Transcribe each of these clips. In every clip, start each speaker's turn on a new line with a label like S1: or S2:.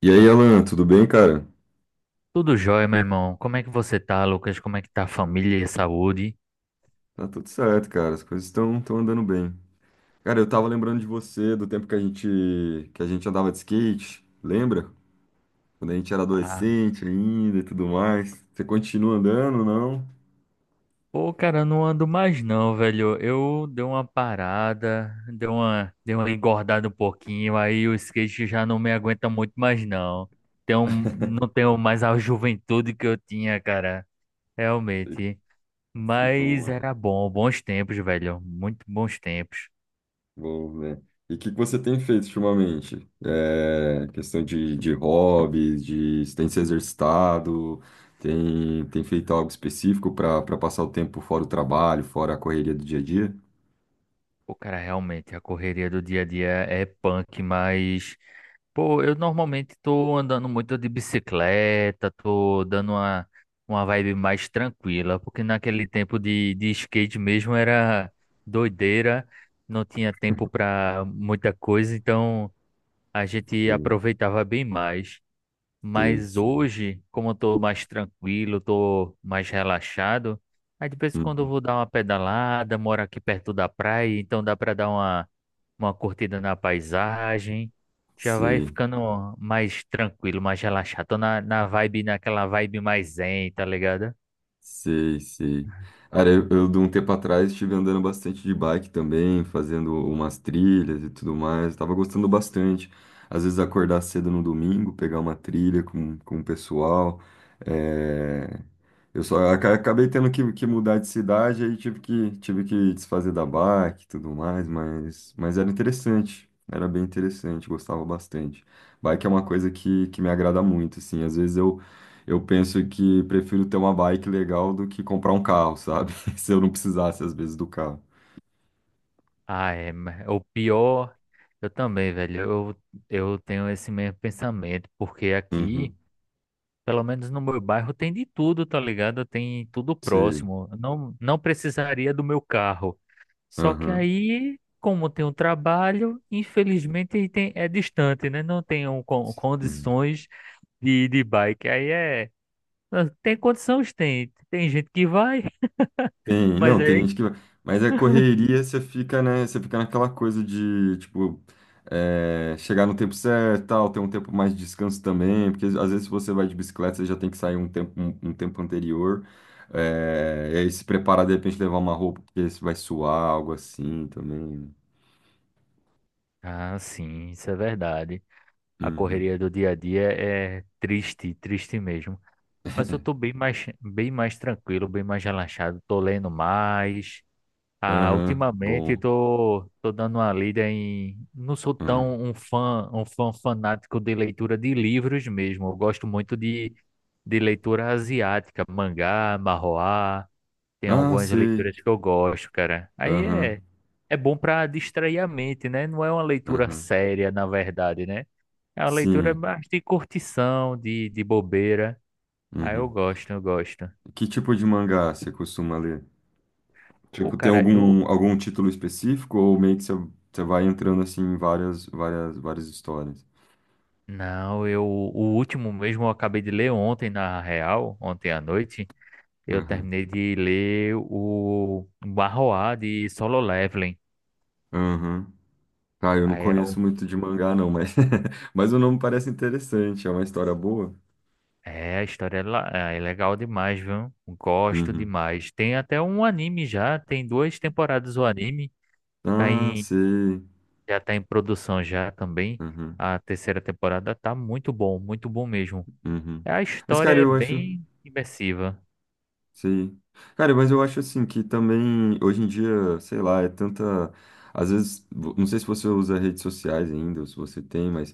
S1: E aí, Alan, tudo bem, cara?
S2: Tudo jóia, meu irmão. Como é que você tá, Lucas? Como é que tá a família e a saúde?
S1: Tá tudo certo, cara. As coisas estão andando bem. Cara, eu tava lembrando de você, do tempo que a gente andava de skate, lembra? Quando a gente era
S2: Ah,
S1: adolescente ainda e tudo mais. Você continua andando, não?
S2: Pô, cara, não ando mais não, velho. Eu dei uma parada, dei uma engordada um pouquinho, aí o skate já não me aguenta muito mais não. Não tenho mais a juventude que eu tinha, cara,
S1: Sei,
S2: realmente.
S1: sei como
S2: Mas
S1: é.
S2: era bom, bons tempos, velho. Muito bons tempos.
S1: Bom, né? E o que que você tem feito ultimamente? É, questão de hobbies, de você tem se exercitado, tem feito algo específico para passar o tempo fora o trabalho, fora a correria do dia a dia?
S2: O cara realmente, a correria do dia a dia é punk, mas, pô, eu normalmente tô andando muito de bicicleta, uma vibe mais tranquila, porque naquele tempo de skate mesmo era doideira, não tinha tempo pra muita coisa, então a gente
S1: Sim,
S2: aproveitava bem mais.
S1: sim.
S2: Mas
S1: Sim.
S2: hoje, como eu tô mais tranquilo, tô mais relaxado, aí de vez em quando eu
S1: Uhum.
S2: vou dar uma pedalada, moro aqui perto da praia, então dá para uma curtida na paisagem. Já vai
S1: Sei,
S2: ficando mais tranquilo, mais relaxado. Tô na vibe, naquela vibe mais zen, tá ligado?
S1: sei, sei. Cara, eu de um tempo atrás estive andando bastante de bike também, fazendo umas trilhas e tudo mais. Tava gostando bastante. Às vezes acordar cedo no domingo, pegar uma trilha com o pessoal. É, eu só acabei tendo que mudar de cidade, aí tive tive que desfazer da bike e tudo mais, mas era interessante. Era bem interessante, gostava bastante. Bike é uma coisa que me agrada muito, assim. Às vezes eu penso que prefiro ter uma bike legal do que comprar um carro, sabe? Se eu não precisasse, às vezes, do carro.
S2: Ah, é, mas o pior, eu também, velho. Eu tenho esse mesmo pensamento, porque aqui.
S1: Uhum.
S2: Pelo menos no meu bairro tem de tudo, tá ligado? Tem tudo
S1: Sei.
S2: próximo. Não, não precisaria do meu carro. Só que
S1: Aham.
S2: aí, como tem um trabalho, infelizmente tem, é distante, né? Não tenho
S1: Sim.
S2: condições de ir de bike. Aí é. Tem condições, tem. Tem gente que vai,
S1: Tem,
S2: mas
S1: não, tem
S2: aí.
S1: gente que. Mas a correria, você fica, né? Você fica naquela coisa de, tipo, é, chegar no tempo certo, tal, ter um tempo mais de descanso também. Porque às vezes, se você vai de bicicleta, você já tem que sair um tempo, um tempo anterior. É, e aí se preparar, de repente, levar uma roupa, porque você vai suar, algo assim também, né?
S2: Ah, sim, isso é verdade. A
S1: Uhum.
S2: correria do dia a dia é triste, triste mesmo. Mas eu tô bem mais tranquilo, bem mais relaxado. Tô lendo mais. Ah,
S1: Aham,
S2: ultimamente
S1: bom.
S2: tô, tô dando uma lida em. Não sou
S1: Hum.
S2: tão um fã fanático de leitura de livros mesmo. Eu gosto muito de leitura asiática, mangá, manhwa. Tem
S1: Ah,
S2: algumas
S1: sei.
S2: leituras que eu gosto, cara. Aí
S1: Aham,
S2: é, é bom pra distrair a mente, né? Não é uma leitura
S1: aham.
S2: séria, na verdade, né? É uma leitura
S1: Sim.
S2: mais de curtição, de bobeira. Aí eu
S1: Uhum.
S2: gosto, eu gosto.
S1: Que tipo de mangá você costuma ler?
S2: Pô,
S1: Tipo, tem
S2: cara, eu,
S1: algum, algum título específico ou meio que você, você vai entrando assim em várias, várias, várias histórias?
S2: não, eu o último mesmo eu acabei de ler ontem na real, ontem à noite, eu
S1: Aham,
S2: terminei de ler o Barroá de Solo Leveling.
S1: aham. Ah, eu não
S2: Aí é,
S1: conheço muito de mangá, não, mas, mas o nome parece interessante. É uma história boa?
S2: é, a história é, é é legal demais, viu? Gosto
S1: Uhum.
S2: demais. Tem até um anime já, tem duas temporadas o anime, tá
S1: Ah,
S2: em
S1: sei.
S2: já tá em produção já também.
S1: Uhum,
S2: A terceira temporada tá muito bom mesmo.
S1: uhum.
S2: A
S1: Mas,
S2: história
S1: cara,
S2: é
S1: eu acho.
S2: bem imersiva.
S1: Sim. Cara, mas eu acho assim que também hoje em dia, sei lá, é tanta. Às vezes, não sei se você usa redes sociais ainda, ou se você tem, mas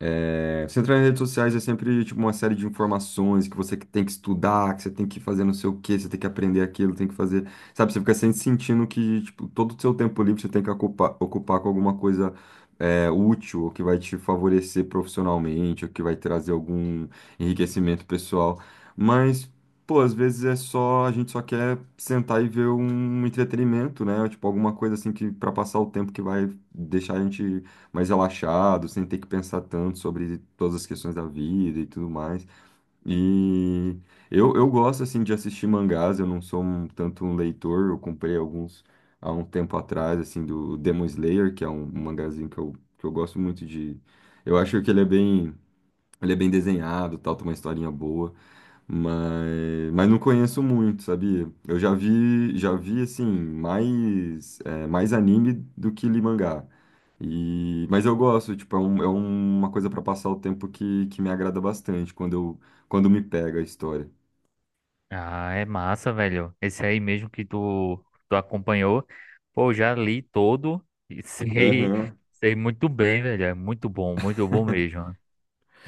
S1: é, você entrar em redes sociais é sempre tipo uma série de informações que você que tem que estudar, que você tem que fazer não sei o quê, você tem que aprender aquilo, tem que fazer, sabe? Você fica sempre sentindo que tipo, todo o seu tempo livre você tem que ocupar com alguma coisa é, útil, ou que vai te favorecer profissionalmente, ou que vai trazer algum enriquecimento pessoal. Mas, pô, às vezes é só, a gente só quer sentar e ver um entretenimento, né? Tipo, alguma coisa assim que para passar o tempo que vai deixar a gente mais relaxado, sem ter que pensar tanto sobre todas as questões da vida e tudo mais. E eu gosto, assim, de assistir mangás, eu não sou tanto um leitor, eu comprei alguns há um tempo atrás, assim, do Demon Slayer, que é um mangazinho que eu gosto muito de... Eu acho que ele é bem... Ele é bem desenhado, tal, tem uma historinha boa, mas não conheço muito, sabia? Eu já vi assim, mais, é, mais anime do que li mangá. E, mas eu gosto, tipo, é, é uma coisa para passar o tempo que me agrada bastante quando eu, quando me pega a história.
S2: Ah, é massa, velho. Esse aí mesmo que tu acompanhou. Pô, já li todo e sei,
S1: Aham.
S2: sei muito bem, velho. É muito bom mesmo.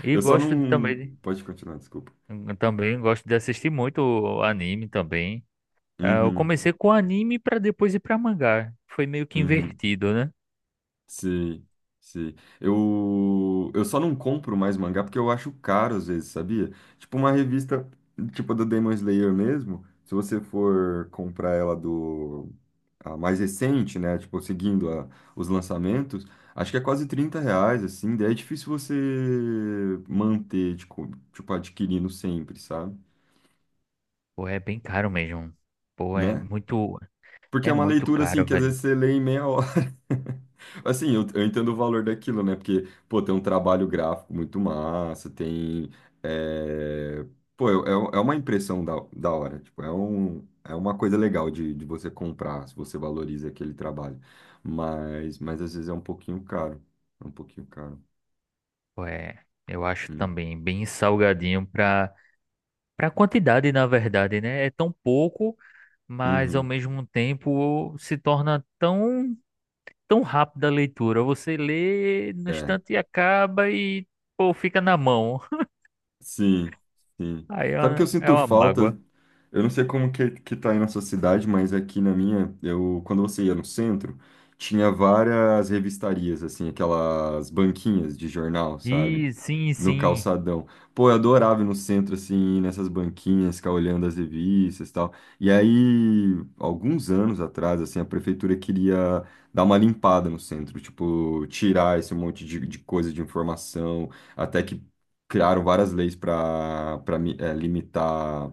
S2: E
S1: Eu só
S2: gosto
S1: não. Pode continuar, desculpa.
S2: de- também gosto de assistir muito anime também. Eu
S1: Uhum,
S2: comecei com anime pra depois ir pra mangá. Foi meio que
S1: uhum.
S2: invertido, né?
S1: Sim, sim. Eu só não compro mais mangá porque eu acho caro às vezes, sabia? Tipo uma revista, tipo a do Demon Slayer mesmo, se você for comprar ela do a mais recente, né? Tipo, seguindo os lançamentos, acho que é quase R$ 30, assim, daí é difícil você manter, tipo, tipo, adquirindo sempre, sabe?
S2: Pô, é bem caro mesmo. Pô,
S1: Né? Porque é
S2: é
S1: uma
S2: muito
S1: leitura, assim,
S2: caro,
S1: que às
S2: velho.
S1: vezes você lê em meia hora. Assim, eu entendo o valor daquilo, né? Porque, pô, tem um trabalho gráfico muito massa, tem... é, pô, é, é uma impressão da hora. Tipo, é é uma coisa legal de você comprar, se você valoriza aquele trabalho. Mas às vezes é um pouquinho caro. É um pouquinho caro.
S2: Pô, é, eu acho
S1: Uhum.
S2: também bem salgadinho pra quantidade, na verdade, né? É tão pouco, mas ao
S1: Uhum.
S2: mesmo tempo se torna tão rápida a leitura. Você lê no
S1: É.
S2: instante e acaba e pô, fica na mão.
S1: Sim, sim.
S2: Aí
S1: Sabe o que eu
S2: é
S1: sinto
S2: uma
S1: falta?
S2: mágoa.
S1: Eu não sei como que tá aí na sua cidade, mas aqui na minha, eu, quando você ia no centro, tinha várias revistarias, assim, aquelas banquinhas de jornal, sabe?
S2: E sim,
S1: No
S2: sim.
S1: calçadão. Pô, eu adorava ir no centro, assim, nessas banquinhas, ficar olhando as revistas e tal. E aí, alguns anos atrás, assim, a prefeitura queria dar uma limpada no centro, tipo, tirar esse monte de coisa de informação até que criaram várias leis para limitar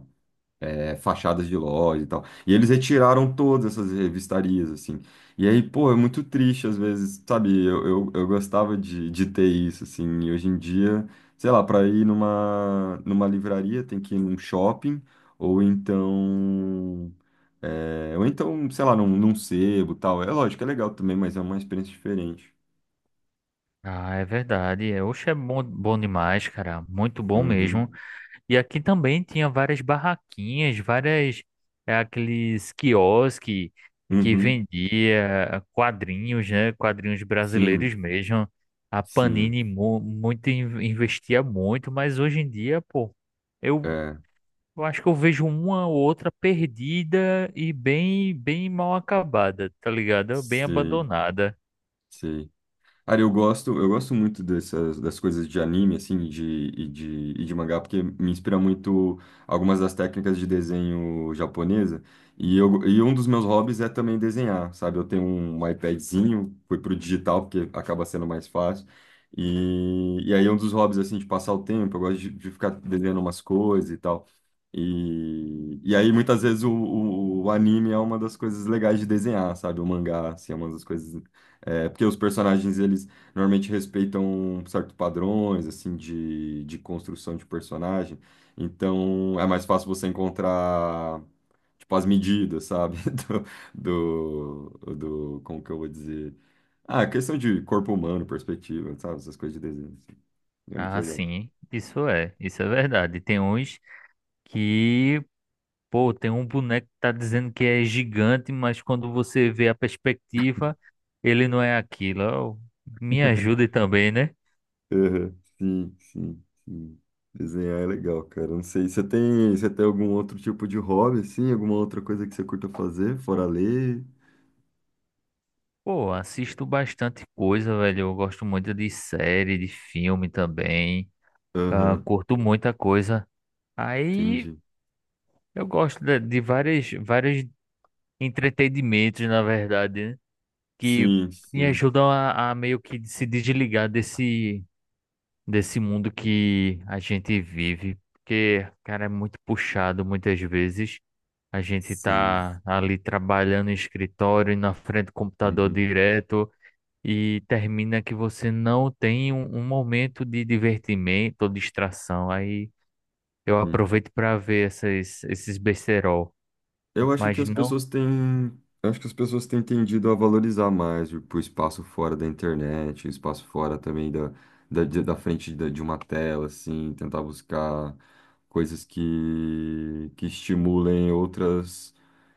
S1: é, fachadas de lojas e tal. E eles retiraram todas essas revistarias, assim. E aí, pô, é muito triste às vezes, sabe? Eu gostava de ter isso, assim. E hoje em dia, sei lá, para ir numa livraria tem que ir num shopping, ou então. É, ou então, sei lá, num sebo e tal. É lógico, é legal também, mas é uma experiência diferente.
S2: Ah, é verdade. É, oxe, é bom, bom demais, cara. Muito bom mesmo.
S1: Uhum,
S2: E aqui também tinha várias barraquinhas, várias, é, aqueles quiosque que
S1: uhum,
S2: vendia quadrinhos, né? Quadrinhos brasileiros
S1: sim,
S2: mesmo. A
S1: sim,
S2: Panini muito investia muito, mas hoje em dia, pô, eu,
S1: é,
S2: eu acho que eu vejo uma ou outra perdida e bem bem mal acabada, tá ligado? Bem
S1: sim.
S2: abandonada.
S1: Sei. Cara, eu gosto muito dessas das coisas de anime, assim, e de, e de mangá, porque me inspira muito algumas das técnicas de desenho japonesa. E, eu, e um dos meus hobbies é também desenhar, sabe? Eu tenho um iPadzinho, fui pro digital, porque acaba sendo mais fácil. E aí é um dos hobbies, assim, de passar o tempo, eu gosto de ficar desenhando umas coisas e tal. E aí, muitas vezes, o anime é uma das coisas legais de desenhar, sabe? O mangá, assim, é uma das coisas é, porque os personagens, eles normalmente respeitam certos padrões, assim, de construção de personagem. Então, é mais fácil você encontrar, tipo, as medidas, sabe? Do, do, do- como que eu vou dizer? Ah, questão de corpo humano, perspectiva, sabe? Essas coisas de desenho, assim. É muito
S2: Ah,
S1: legal.
S2: sim, isso é verdade. Tem uns que pô, tem um boneco que tá dizendo que é gigante, mas quando você vê a perspectiva, ele não é aquilo. Ó, me ajude também, né?
S1: Uhum. Sim, sim, sim. Desenhar é legal, cara. Não sei, você tem algum outro tipo de hobby, assim? Alguma outra coisa que você curta fazer, fora ler?
S2: Pô, assisto bastante coisa, velho. Eu gosto muito de série, de filme também. Ah,
S1: Aham.
S2: curto muita coisa. Aí
S1: Entendi.
S2: eu gosto de várias, vários entretenimentos, na verdade, né? Que
S1: Sim,
S2: me
S1: sim,
S2: ajudam a meio que se desligar desse, desse mundo que a gente vive, porque, cara, é muito puxado muitas vezes. A gente
S1: sim.
S2: tá ali trabalhando em escritório, na frente do computador
S1: Uhum,
S2: direto, e termina que você não tem um, um momento de divertimento ou distração. Aí eu
S1: sim.
S2: aproveito para ver essas, esses besterol.
S1: Eu acho que
S2: Mas
S1: as
S2: não.
S1: pessoas têm, eu acho que as pessoas têm tendido a valorizar mais o espaço fora da internet, o espaço fora também da, da frente de uma tela, assim, tentar buscar coisas que estimulem outras,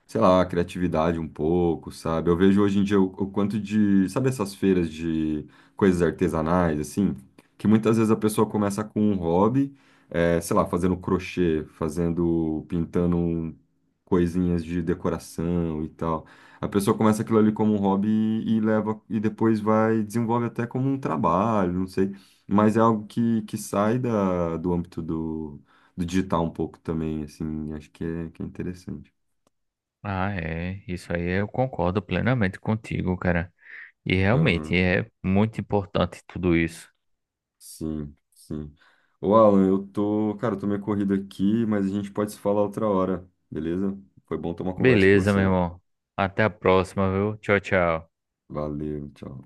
S1: sei lá, a criatividade um pouco, sabe? Eu vejo hoje em dia o quanto de, sabe essas feiras de coisas artesanais, assim, que muitas vezes a pessoa começa com um hobby, sei lá, fazendo crochê, fazendo, pintando um coisinhas de decoração e tal. A pessoa começa aquilo ali como um hobby e leva e depois vai desenvolve até como um trabalho, não sei, mas é algo que sai da, do âmbito do, do digital um pouco também, assim, acho que é interessante.
S2: Ah, é. Isso aí eu concordo plenamente contigo, cara. E realmente
S1: Aham,
S2: é muito importante tudo isso.
S1: sim, sim. Ô, Alan, eu tô, cara, eu tô meio corrido aqui, mas a gente pode se falar outra hora, beleza? Foi bom ter uma conversa com
S2: Beleza, meu
S1: você.
S2: irmão. Até a próxima, viu? Tchau, tchau.
S1: Valeu, tchau.